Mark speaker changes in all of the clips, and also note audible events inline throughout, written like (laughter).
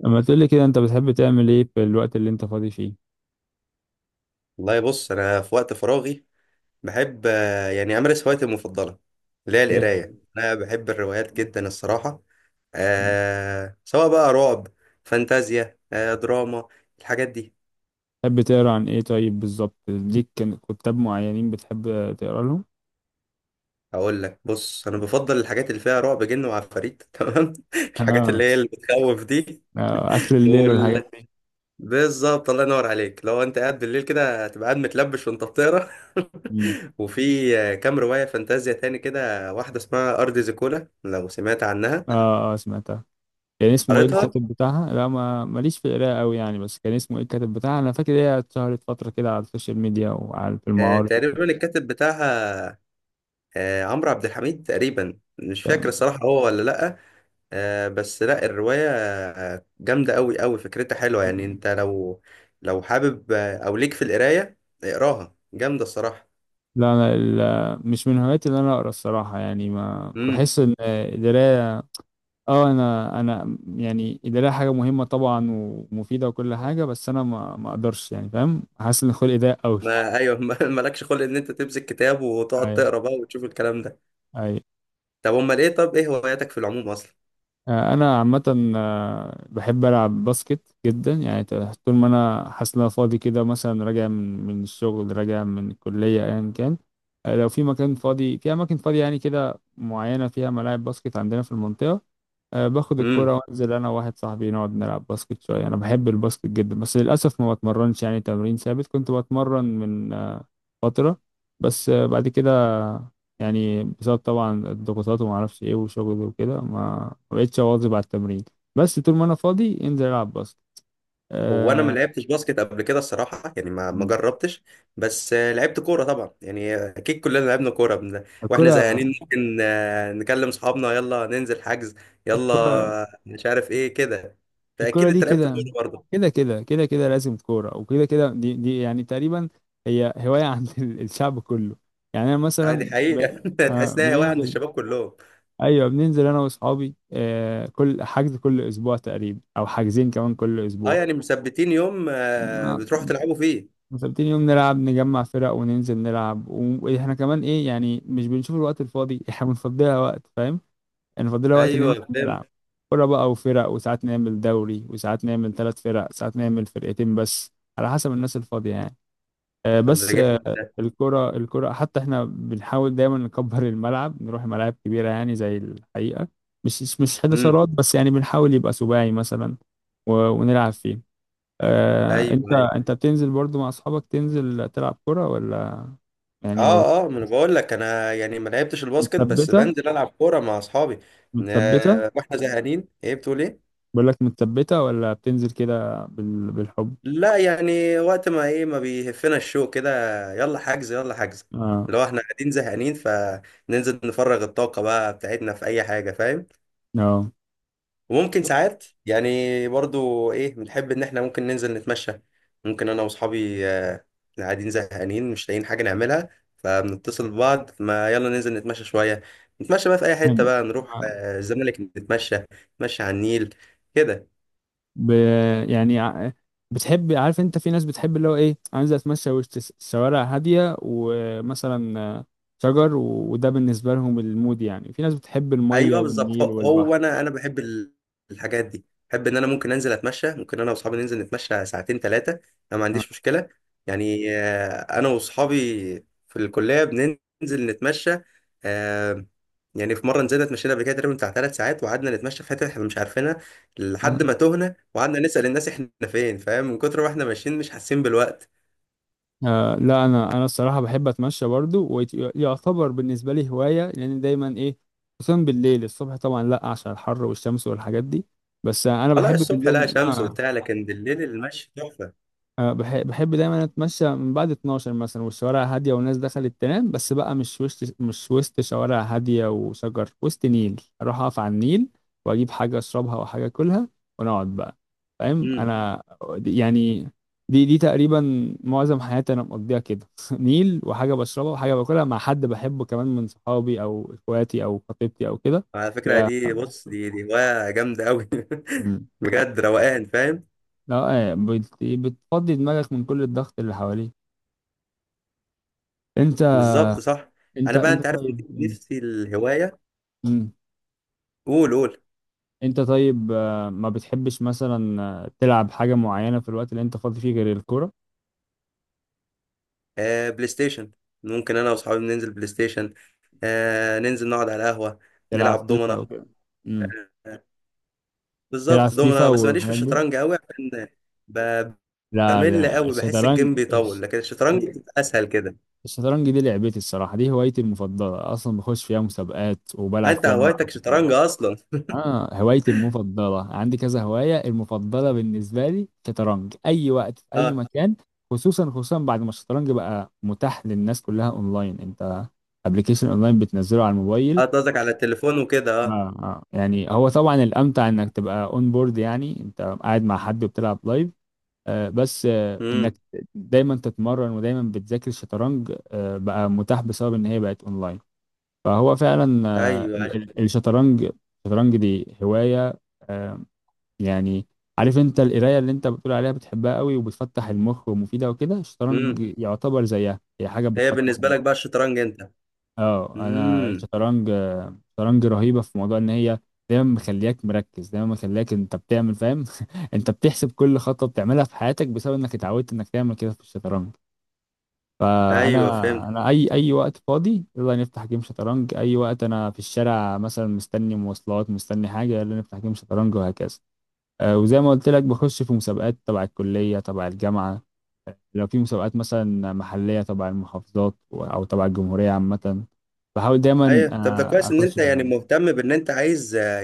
Speaker 1: لما تقولي كده، انت بتحب تعمل ايه في الوقت اللي انت فاضي فيه؟
Speaker 2: والله بص انا في وقت فراغي بحب، يعني امارس هوايتي المفضله اللي هي القرايه.
Speaker 1: يعني
Speaker 2: انا بحب الروايات جدا الصراحه. سواء بقى رعب، فانتازيا، دراما، الحاجات دي.
Speaker 1: بتحب تقرا عن ايه طيب بالظبط؟ ليك كتاب معينين بتحب تقرا لهم؟
Speaker 2: اقول لك بص، انا بفضل الحاجات اللي فيها رعب، جن وعفاريت (laughs) تمام، الحاجات
Speaker 1: اه.
Speaker 2: اللي هي اللي بتخوف دي.
Speaker 1: اخر الليل
Speaker 2: وال...
Speaker 1: والحاجات دي.
Speaker 2: بالظبط الله ينور عليك، لو انت قاعد بالليل كده هتبقى قاعد متلبش وانت بتقرا
Speaker 1: مم.
Speaker 2: (laughs) وفي كام روايه فانتازيا تاني كده، واحده اسمها ارض زيكولا، لو سمعت عنها.
Speaker 1: اه سمعتها. كان اسمه ايه
Speaker 2: قريتها، اه.
Speaker 1: الكاتب بتاعها؟ لا، ما ماليش في القراءة قوي يعني، بس كان اسمه ايه الكاتب بتاعها؟ انا فاكر هي اتشهرت فترة كده على السوشيال ميديا وعلى في المعارض.
Speaker 2: تقريبا الكاتب بتاعها عمرو عبد الحميد تقريبا. مش فاكر
Speaker 1: وبتاع.
Speaker 2: الصراحة هو ولا لأ. بس لأ، الرواية جامدة أوي أوي، فكرتها حلوة. يعني أنت لو حابب أو ليك في القراية، اقراها، جامدة الصراحة.
Speaker 1: لا انا مش من هواياتي ان انا اقرا الصراحة، يعني ما
Speaker 2: امم
Speaker 1: بحس ان القراية. اه، انا يعني القرايه حاجه مهمه طبعا ومفيده وكل حاجه، بس انا ما اقدرش يعني، فاهم؟ حاسس ان خلقي ضيق قوي.
Speaker 2: ما أيوه (laughs) مالكش خلق إن أنت تمسك كتاب وتقعد
Speaker 1: اي
Speaker 2: تقرا بقى وتشوف الكلام ده.
Speaker 1: اي.
Speaker 2: طب إيه هواياتك في العموم أصلا؟
Speaker 1: انا عامه، بحب العب باسكت جدا يعني. طول ما انا حاسس ان انا فاضي كده، مثلا راجع من الشغل، راجع من الكليه، ايا كان، لو في مكان فاضي، في اماكن فاضيه يعني كده معينه فيها ملاعب باسكت عندنا في المنطقه، أه باخد الكرة وانزل انا وواحد صاحبي نقعد نلعب باسكت شوية. انا بحب الباسكت جدا، بس للاسف ما بتمرنش يعني تمرين ثابت. كنت بتمرن من فترة، بس بعد كده يعني بسبب طبعا الضغوطات وما اعرفش ايه وشغل وكده ما بقتش اواظب على التمرين. بس طول ما انا فاضي انزل العب باسكت.
Speaker 2: هو انا ما
Speaker 1: أه.
Speaker 2: لعبتش باسكت قبل كده الصراحه، يعني ما
Speaker 1: مم.
Speaker 2: جربتش. بس لعبت كوره طبعا، يعني اكيد كلنا لعبنا كوره. واحنا زهقانين
Speaker 1: الكرة
Speaker 2: ممكن نكلم اصحابنا، يلا ننزل حجز
Speaker 1: الكرة
Speaker 2: يلا، مش عارف ايه كده.
Speaker 1: الكرة
Speaker 2: فاكيد
Speaker 1: دي
Speaker 2: انت لعبت كوره
Speaker 1: كده،
Speaker 2: برضه،
Speaker 1: كده كده كده كده لازم كورة، وكده كده، دي دي يعني تقريبا هي هواية (laughs) عند الشعب كله يعني. أنا مثلا
Speaker 2: عادي حقيقه (laughs) تحس انها هوايه عند
Speaker 1: بننزل.
Speaker 2: الشباب كلهم.
Speaker 1: أيوه بننزل أنا وأصحابي، كل حجز كل أسبوع تقريبا، أو حاجزين كمان كل
Speaker 2: اه،
Speaker 1: أسبوع.
Speaker 2: يعني مثبتين يوم
Speaker 1: ما-
Speaker 2: بتروحوا تلعبوا فيه؟
Speaker 1: مثبتين يوم نلعب، نجمع فرق وننزل نلعب، وإحنا كمان إيه يعني، مش بنشوف الوقت الفاضي، إحنا بنفضيها وقت، فاهم؟ يعني فاضلها وقت
Speaker 2: ايوه
Speaker 1: ننزل
Speaker 2: فهمت.
Speaker 1: نلعب كورة بقى وفرق. وساعات نعمل دوري، وساعات نعمل ثلاث فرق، ساعات نعمل فرقتين، بس على حسب الناس الفاضية يعني.
Speaker 2: طب ده
Speaker 1: بس،
Speaker 2: جامد ده.
Speaker 1: الكرة الكرة حتى احنا بنحاول دايما نكبر الملعب، نروح ملاعب كبيرة يعني زي الحقيقة. مش
Speaker 2: امم،
Speaker 1: حداشرات، بس يعني بنحاول يبقى سباعي مثلا ونلعب فيه. انت
Speaker 2: ايوه، أيوه.
Speaker 1: انت بتنزل برضو مع اصحابك تنزل تلعب كرة ولا يعني ما
Speaker 2: اه، اه، ما انا بقول لك، انا يعني ما لعبتش الباسكت، بس
Speaker 1: متثبتة؟
Speaker 2: بنزل العب كوره مع اصحابي. ن-
Speaker 1: متثبتة؟
Speaker 2: واحنا زهقانين، ايه بتقول، ايه؟
Speaker 1: بقول لك، متثبتة ولا بتنزل كده بالحب؟
Speaker 2: لا، يعني وقت ما ايه، ما بيهفنا الشوق كده، يلا حجز يلا حجز.
Speaker 1: اه
Speaker 2: لو احنا قاعدين زهقانين فننزل نفرغ الطاقه بقى بتاعتنا في اي حاجه، فاهم؟
Speaker 1: اه
Speaker 2: وممكن ساعات يعني برضو ايه، بنحب ان احنا ممكن ننزل نتمشى. ممكن انا واصحابي اللي قاعدين زهقانين مش لاقيين حاجه نعملها، فبنتصل ببعض، ما يلا ننزل نتمشى شويه. نتمشى بقى في اي حته بقى، نروح
Speaker 1: بحب-
Speaker 2: الزمالك، نتمشى، نتمشى على النيل كده.
Speaker 1: ب... يعني بتحب؟ عارف انت في ناس بتحب اللي هو ايه، عايزه اتمشى وسط شوارع هاديه ومثلا شجر وده بالنسبه لهم المود يعني. في ناس بتحب الميه
Speaker 2: ايوه بالظبط،
Speaker 1: والنيل
Speaker 2: هو
Speaker 1: والبحر.
Speaker 2: هو انا بحب الحاجات دي. بحب ان انا ممكن انزل اتمشى، ممكن انا واصحابي ننزل نتمشى ساعتين 3. انا ما
Speaker 1: آه.
Speaker 2: عنديش مشكله، يعني انا واصحابي في الكليه بننزل نتمشى. آه، يعني في مره نزلنا اتمشينا قبل كده تقريبا بتاع 3 ساعات، وقعدنا نتمشى في حته احنا مش عارفينها لحد
Speaker 1: آه.
Speaker 2: ما تهنا، وقعدنا نسال الناس احنا فين، فاهم؟ من كتر ما احنا ماشيين مش حاسين بالوقت.
Speaker 1: آه. لا، انا الصراحه بحب اتمشى برضو، ويعتبر بالنسبه لي هوايه، لان دايما ايه، خصوصا بالليل. الصبح طبعا لا، عشان الحر والشمس والحاجات دي، بس انا
Speaker 2: الله،
Speaker 1: بحب
Speaker 2: الصبح لا،
Speaker 1: بالليل
Speaker 2: شمس
Speaker 1: اه.
Speaker 2: وبتاع، لكن بالليل المشي تحفه.
Speaker 1: بحب دايما اتمشى من بعد 12 مثلا، والشوارع هاديه والناس دخلت تنام، بس بقى مش وسط شوارع هاديه وشجر، وسط نيل، اروح اقف على النيل، واجيب حاجه اشربها وحاجه اكلها ونقعد بقى، فاهم انا؟ يعني دي تقريبا معظم حياتي انا مقضيها كده (laughs) نيل وحاجه بشربها وحاجه باكلها مع حد بحبه كمان، من صحابي او اخواتي او خطيبتي او كده.
Speaker 2: على فكرة
Speaker 1: يا-
Speaker 2: دي بص، دي هواية جامدة أوي
Speaker 1: مم.
Speaker 2: (laughs) بجد روقان، فاهم؟
Speaker 1: لا، بتفضي دماغك من كل الضغط اللي حواليك انت.
Speaker 2: بالظبط صح.
Speaker 1: انت
Speaker 2: أنا بقى
Speaker 1: انت
Speaker 2: أنت عارف،
Speaker 1: طيب. مم.
Speaker 2: نفسي الهواية.
Speaker 1: مم.
Speaker 2: قول قول.
Speaker 1: انت طيب، ما بتحبش مثلا تلعب حاجة معينة في الوقت اللي انت فاضي فيه غير الكورة؟
Speaker 2: آه، بلاي ستيشن. ممكن أنا وأصحابي ننزل بلاي ستيشن، ننزل نقعد على قهوة،
Speaker 1: تلعب لا
Speaker 2: نلعب
Speaker 1: فيفا او
Speaker 2: دومنة.
Speaker 1: طبعا. مم.
Speaker 2: آه،
Speaker 1: تلعب
Speaker 2: بالظبط
Speaker 1: لا فيفا
Speaker 2: دومنة. بس ماليش في
Speaker 1: والحاجات دي؟
Speaker 2: الشطرنج أوي عشان ب-
Speaker 1: لا
Speaker 2: بمل
Speaker 1: ده
Speaker 2: أوي، بحس
Speaker 1: الشطرنج،
Speaker 2: الجيم بيطول، لكن الشطرنج بتبقى أسهل كده.
Speaker 1: الشطرنج دي لعبتي الصراحة، دي هوايتي المفضلة اصلا، بخش فيها مسابقات وبلعب
Speaker 2: أنت
Speaker 1: فيها مع.
Speaker 2: هوايتك شطرنج أصلا؟
Speaker 1: اه، هوايتي المفضلة عندي كذا هواية، المفضلة بالنسبة لي شطرنج، أي وقت في أي
Speaker 2: أه،
Speaker 1: مكان. خصوصا خصوصا بعد ما الشطرنج بقى متاح للناس كلها أونلاين، أنت أبلكيشن أونلاين بتنزله على
Speaker 2: أه،
Speaker 1: الموبايل.
Speaker 2: أنت قصدك على التليفون وكده،
Speaker 1: آه,
Speaker 2: أه.
Speaker 1: يعني هو طبعا الأمتع إنك تبقى أون بورد، يعني أنت قاعد مع حد وبتلعب لايف. بس، إنك
Speaker 2: أمم،
Speaker 1: دايما تتمرن ودايما بتذاكر الشطرنج. بقى متاح بسبب إن هي بقت أونلاين. فهو فعلا
Speaker 2: أيوه.
Speaker 1: الشطرنج، الشطرنج دي هواية، آه، يعني. عارف انت القرايه اللي انت بتقول عليها بتحبها قوي وبتفتح المخ ومفيده وكده؟ الشطرنج
Speaker 2: امم
Speaker 1: يعتبر زيها، هي حاجه
Speaker 2: هي
Speaker 1: بتفتح
Speaker 2: بالنسبة لك
Speaker 1: المخ.
Speaker 2: بقى الشطرنج انت؟
Speaker 1: اه، انا
Speaker 2: امم،
Speaker 1: الشطرنج، الشطرنج رهيبه في موضوع ان هي دايما مخلياك مركز، دايما مخلياك انت بتعمل، فاهم؟ (laughs) انت بتحسب كل خطوه بتعملها في حياتك بسبب انك اتعودت انك تعمل كده في الشطرنج. فانا،
Speaker 2: ايوه فهمت.
Speaker 1: اي اي وقت فاضي يلا نفتح جيم شطرنج، اي وقت انا في الشارع مثلا مستني مواصلات مستني حاجه يلا نفتح جيم شطرنج، وهكذا. وزي ما قلت لك، بخش في مسابقات تبع الكلية، تبع الجامعة، لو في مسابقات مثلا محلية تبع المحافظات أو تبع الجمهورية عامة، بحاول دايما
Speaker 2: ايوه، طب ده كويس ان انت
Speaker 1: أخش
Speaker 2: يعني
Speaker 1: فيها.
Speaker 2: مهتم بان انت عايز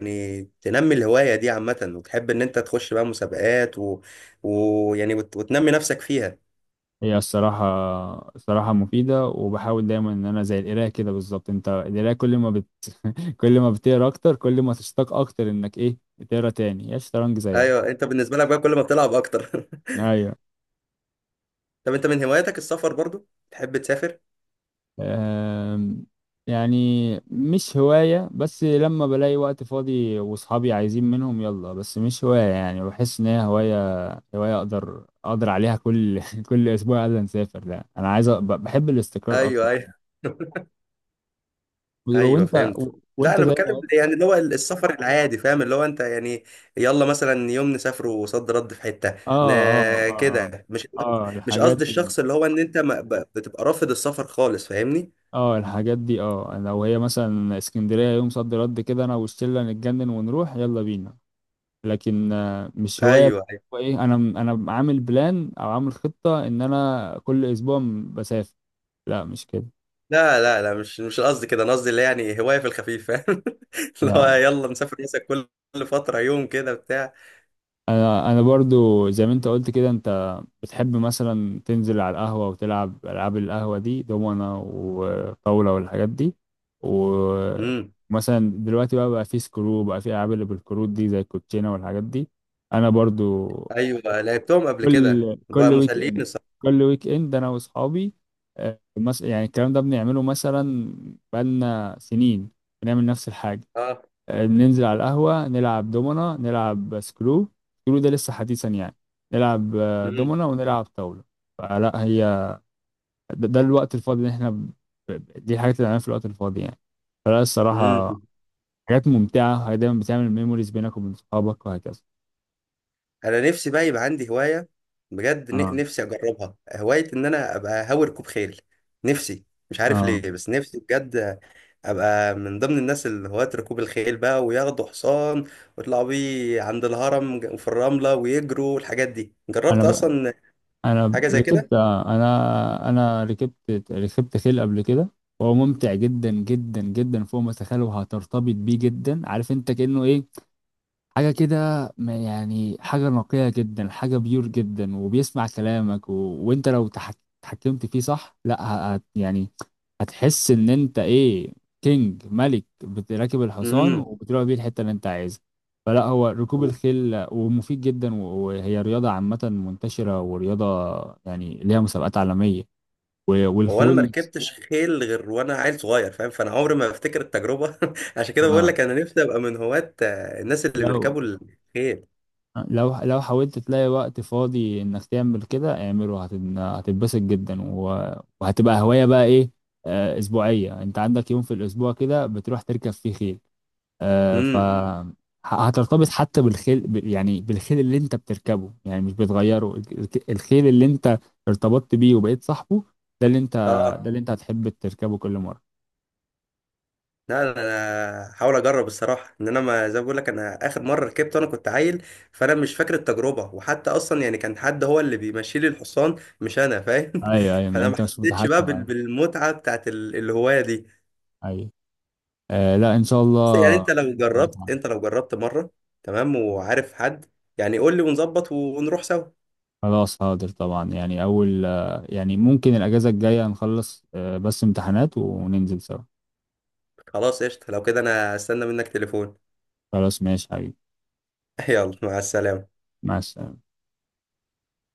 Speaker 2: يعني تنمي الهواية دي عامة، وتحب ان انت تخش بقى مسابقات ويعني وتنمي نفسك فيها.
Speaker 1: هي الصراحة، الصراحة مفيدة، وبحاول دايما إن أنا زي القراية كده بالظبط. أنت القراية كل ما (laughs) كل ما بتقرا أكتر، كل ما تشتاق أكتر إنك إيه، تقرا تاني. هي الشطرنج زيها.
Speaker 2: ايوه، انت بالنسبة لك بقى كل ما بتلعب اكتر
Speaker 1: أيوه.
Speaker 2: (laughs) طب انت من هواياتك السفر برضو، تحب تسافر؟
Speaker 1: آم، يعني مش هواية، بس لما بلاقي وقت فاضي وصحابي عايزين منهم يلا. بس مش هواية، يعني بحس ان هي هواية، هواية اقدر عليها كل (laughs) كل اسبوع قبل نسافر. لا، انا عايز بحب الاستقرار اكتر.
Speaker 2: ايوه، ايوه (laughs) ايوه
Speaker 1: وانت
Speaker 2: فهمت. لا،
Speaker 1: وانت
Speaker 2: انا
Speaker 1: زي ما
Speaker 2: بتكلم يعني اللي هو السفر العادي، فاهم؟ اللي هو انت يعني يلا مثلا يوم نسافروا صد رد في حته،
Speaker 1: اه.
Speaker 2: ن...
Speaker 1: اه. اه.
Speaker 2: كده، مش
Speaker 1: اه. اه.
Speaker 2: (laughs) مش
Speaker 1: الحاجات
Speaker 2: قصدي
Speaker 1: دي اه،
Speaker 2: الشخص اللي هو ان انت ما... بتبقى رافض السفر خالص، فاهمني؟
Speaker 1: الحاجات دي اه لو هي مثلا اسكندرية يوم صد رد كده، انا والشلة نتجنن ونروح يلا بينا، لكن مش هواية
Speaker 2: ايوه،
Speaker 1: بقى.
Speaker 2: ايوه.
Speaker 1: هو ايه انا، انا عامل بلان او عامل خطة ان انا كل اسبوع بسافر؟ لا مش كده.
Speaker 2: لا، لا، لا، مش قصدي كده، انا قصدي اللي يعني هوايه في الخفيف، فاهم؟ (laughs) اللي هو
Speaker 1: لا،
Speaker 2: يلا نسافر مثلا كل فتره، يوم كده بتاع.
Speaker 1: انا برضو زي ما انت قلت كده، انت بتحب مثلا تنزل على القهوة وتلعب العاب القهوة دي، دومنة وطاولة والحاجات دي.
Speaker 2: امم،
Speaker 1: ومثلا دلوقتي بقى في سكرو، بقى في العاب اللي بالكروت دي زي الكوتشينة والحاجات دي. انا برضو
Speaker 2: ايوه، لعبتهم قبل كده
Speaker 1: كل
Speaker 2: بقى،
Speaker 1: كل ويك
Speaker 2: مسليين
Speaker 1: اند،
Speaker 2: الصراحه.
Speaker 1: كل ويك اند انا واصحابي، يعني الكلام ده بنعمله مثلا بقالنا سنين. بنعمل نفس الحاجه،
Speaker 2: اه،
Speaker 1: بننزل على القهوه نلعب دومنا نلعب سكرو. سكرو ده لسه حديثا يعني. نلعب
Speaker 2: امم،
Speaker 1: دومنا ونلعب طاوله. فلا هي، ده الوقت الفاضي اللي احنا دي الحاجات اللي بنعملها في الوقت الفاضي يعني. فلا
Speaker 2: امم.
Speaker 1: الصراحه، حاجات ممتعه، هي دايما بتعمل ميموريز بينك وبين صحابك وهكذا.
Speaker 2: انا نفسي بقى يبقى عندي هوايه، بجد.
Speaker 1: اه
Speaker 2: نفسي اجربها هوايه، ان انا ابقى هاوي ركوب خيل. نفسي، مش عارف
Speaker 1: اه
Speaker 2: ليه، بس نفسي بجد ابقى من ضمن الناس اللي هواة ركوب الخيل بقى، وياخدوا حصان ويطلعوا بيه عند الهرم، في الرمله، ويجروا الحاجات دي.
Speaker 1: انا
Speaker 2: جربت
Speaker 1: ب...
Speaker 2: اصلا
Speaker 1: انا
Speaker 2: حاجه زي كده؟
Speaker 1: ركبت انا انا ركبت ركبت خيل قبل كده، وهو ممتع جدا جدا جدا، فوق ما تتخيل، وهترتبط بيه جدا. عارف انت كأنه ايه، حاجة كده، يعني حاجة نقية جدا، حاجة بيور جدا، وبيسمع كلامك وانت لو اتحكمت فيه صح، لا يعني هتحس ان انت ايه، كينج، ملك، بتراكب الحصان
Speaker 2: امم
Speaker 1: وبتروح بيه الحتة اللي انت عايزها. فلا هو ركوب الخيل، ومفيد جدا، وهي رياضة عامة منتشرة، ورياضة يعني ليها مسابقات عالمية،
Speaker 2: هو انا ما
Speaker 1: والخيول نفسها.
Speaker 2: ركبتش خيل غير وانا عيل صغير، فاهم؟ فانا عمري ما بفتكر التجربه (laughs) عشان كده بقول
Speaker 1: آه.
Speaker 2: لك، انا نفسي ابقى من هواة الناس اللي
Speaker 1: لو
Speaker 2: بيركبوا الخيل.
Speaker 1: لو حاولت تلاقي وقت فاضي انك تعمل كده، اعمله، هتتبسط جدا، وهتبقى هواية بقى ايه، اسبوعية. انت عندك يوم في الاسبوع كده بتروح تركب فيه خيل، آه، ف
Speaker 2: امم،
Speaker 1: مم. هترتبط حتى بالخيل، يعني بالخيل اللي انت بتركبه، يعني مش بتغيره. الخيل اللي انت ارتبطت بيه وبقيت صاحبه، ده اللي انت ده،
Speaker 2: اه.
Speaker 1: آه، اللي انت هتحب تركبه كل مرة.
Speaker 2: لا، لا، انا هحاول اجرب الصراحه، ان انا ما، زي ما بقول لك، انا اخر مره ركبت وانا كنت عيل، فانا مش فاكر التجربه. وحتى اصلا يعني كان حد هو اللي بيمشي لي الحصان، مش انا، فاهم
Speaker 1: ايوه
Speaker 2: (laughs)
Speaker 1: ايوه، ما
Speaker 2: فانا ما
Speaker 1: انت مش، طب
Speaker 2: حسيتش
Speaker 1: متحكم.
Speaker 2: بقى
Speaker 1: ايوه.
Speaker 2: بالمتعه بتاعت الهوايه دي.
Speaker 1: ايوه، لا ان شاء
Speaker 2: بس يعني،
Speaker 1: الله. إن شاء الله تعمل.
Speaker 2: انت لو جربت مره، تمام. وعارف حد يعني قول لي ونظبط ونروح سوا.
Speaker 1: خلاص، هقدر طبعا يعني اول يعني ممكن الاجازة الجاية نخلص، بس امتحانات وننزل سوا.
Speaker 2: خلاص قشطه، لو كده انا استنى منك تليفون.
Speaker 1: خلاص ماشي حبيبي.
Speaker 2: (laughs) يلا، مع السلامه.
Speaker 1: مع السلامة.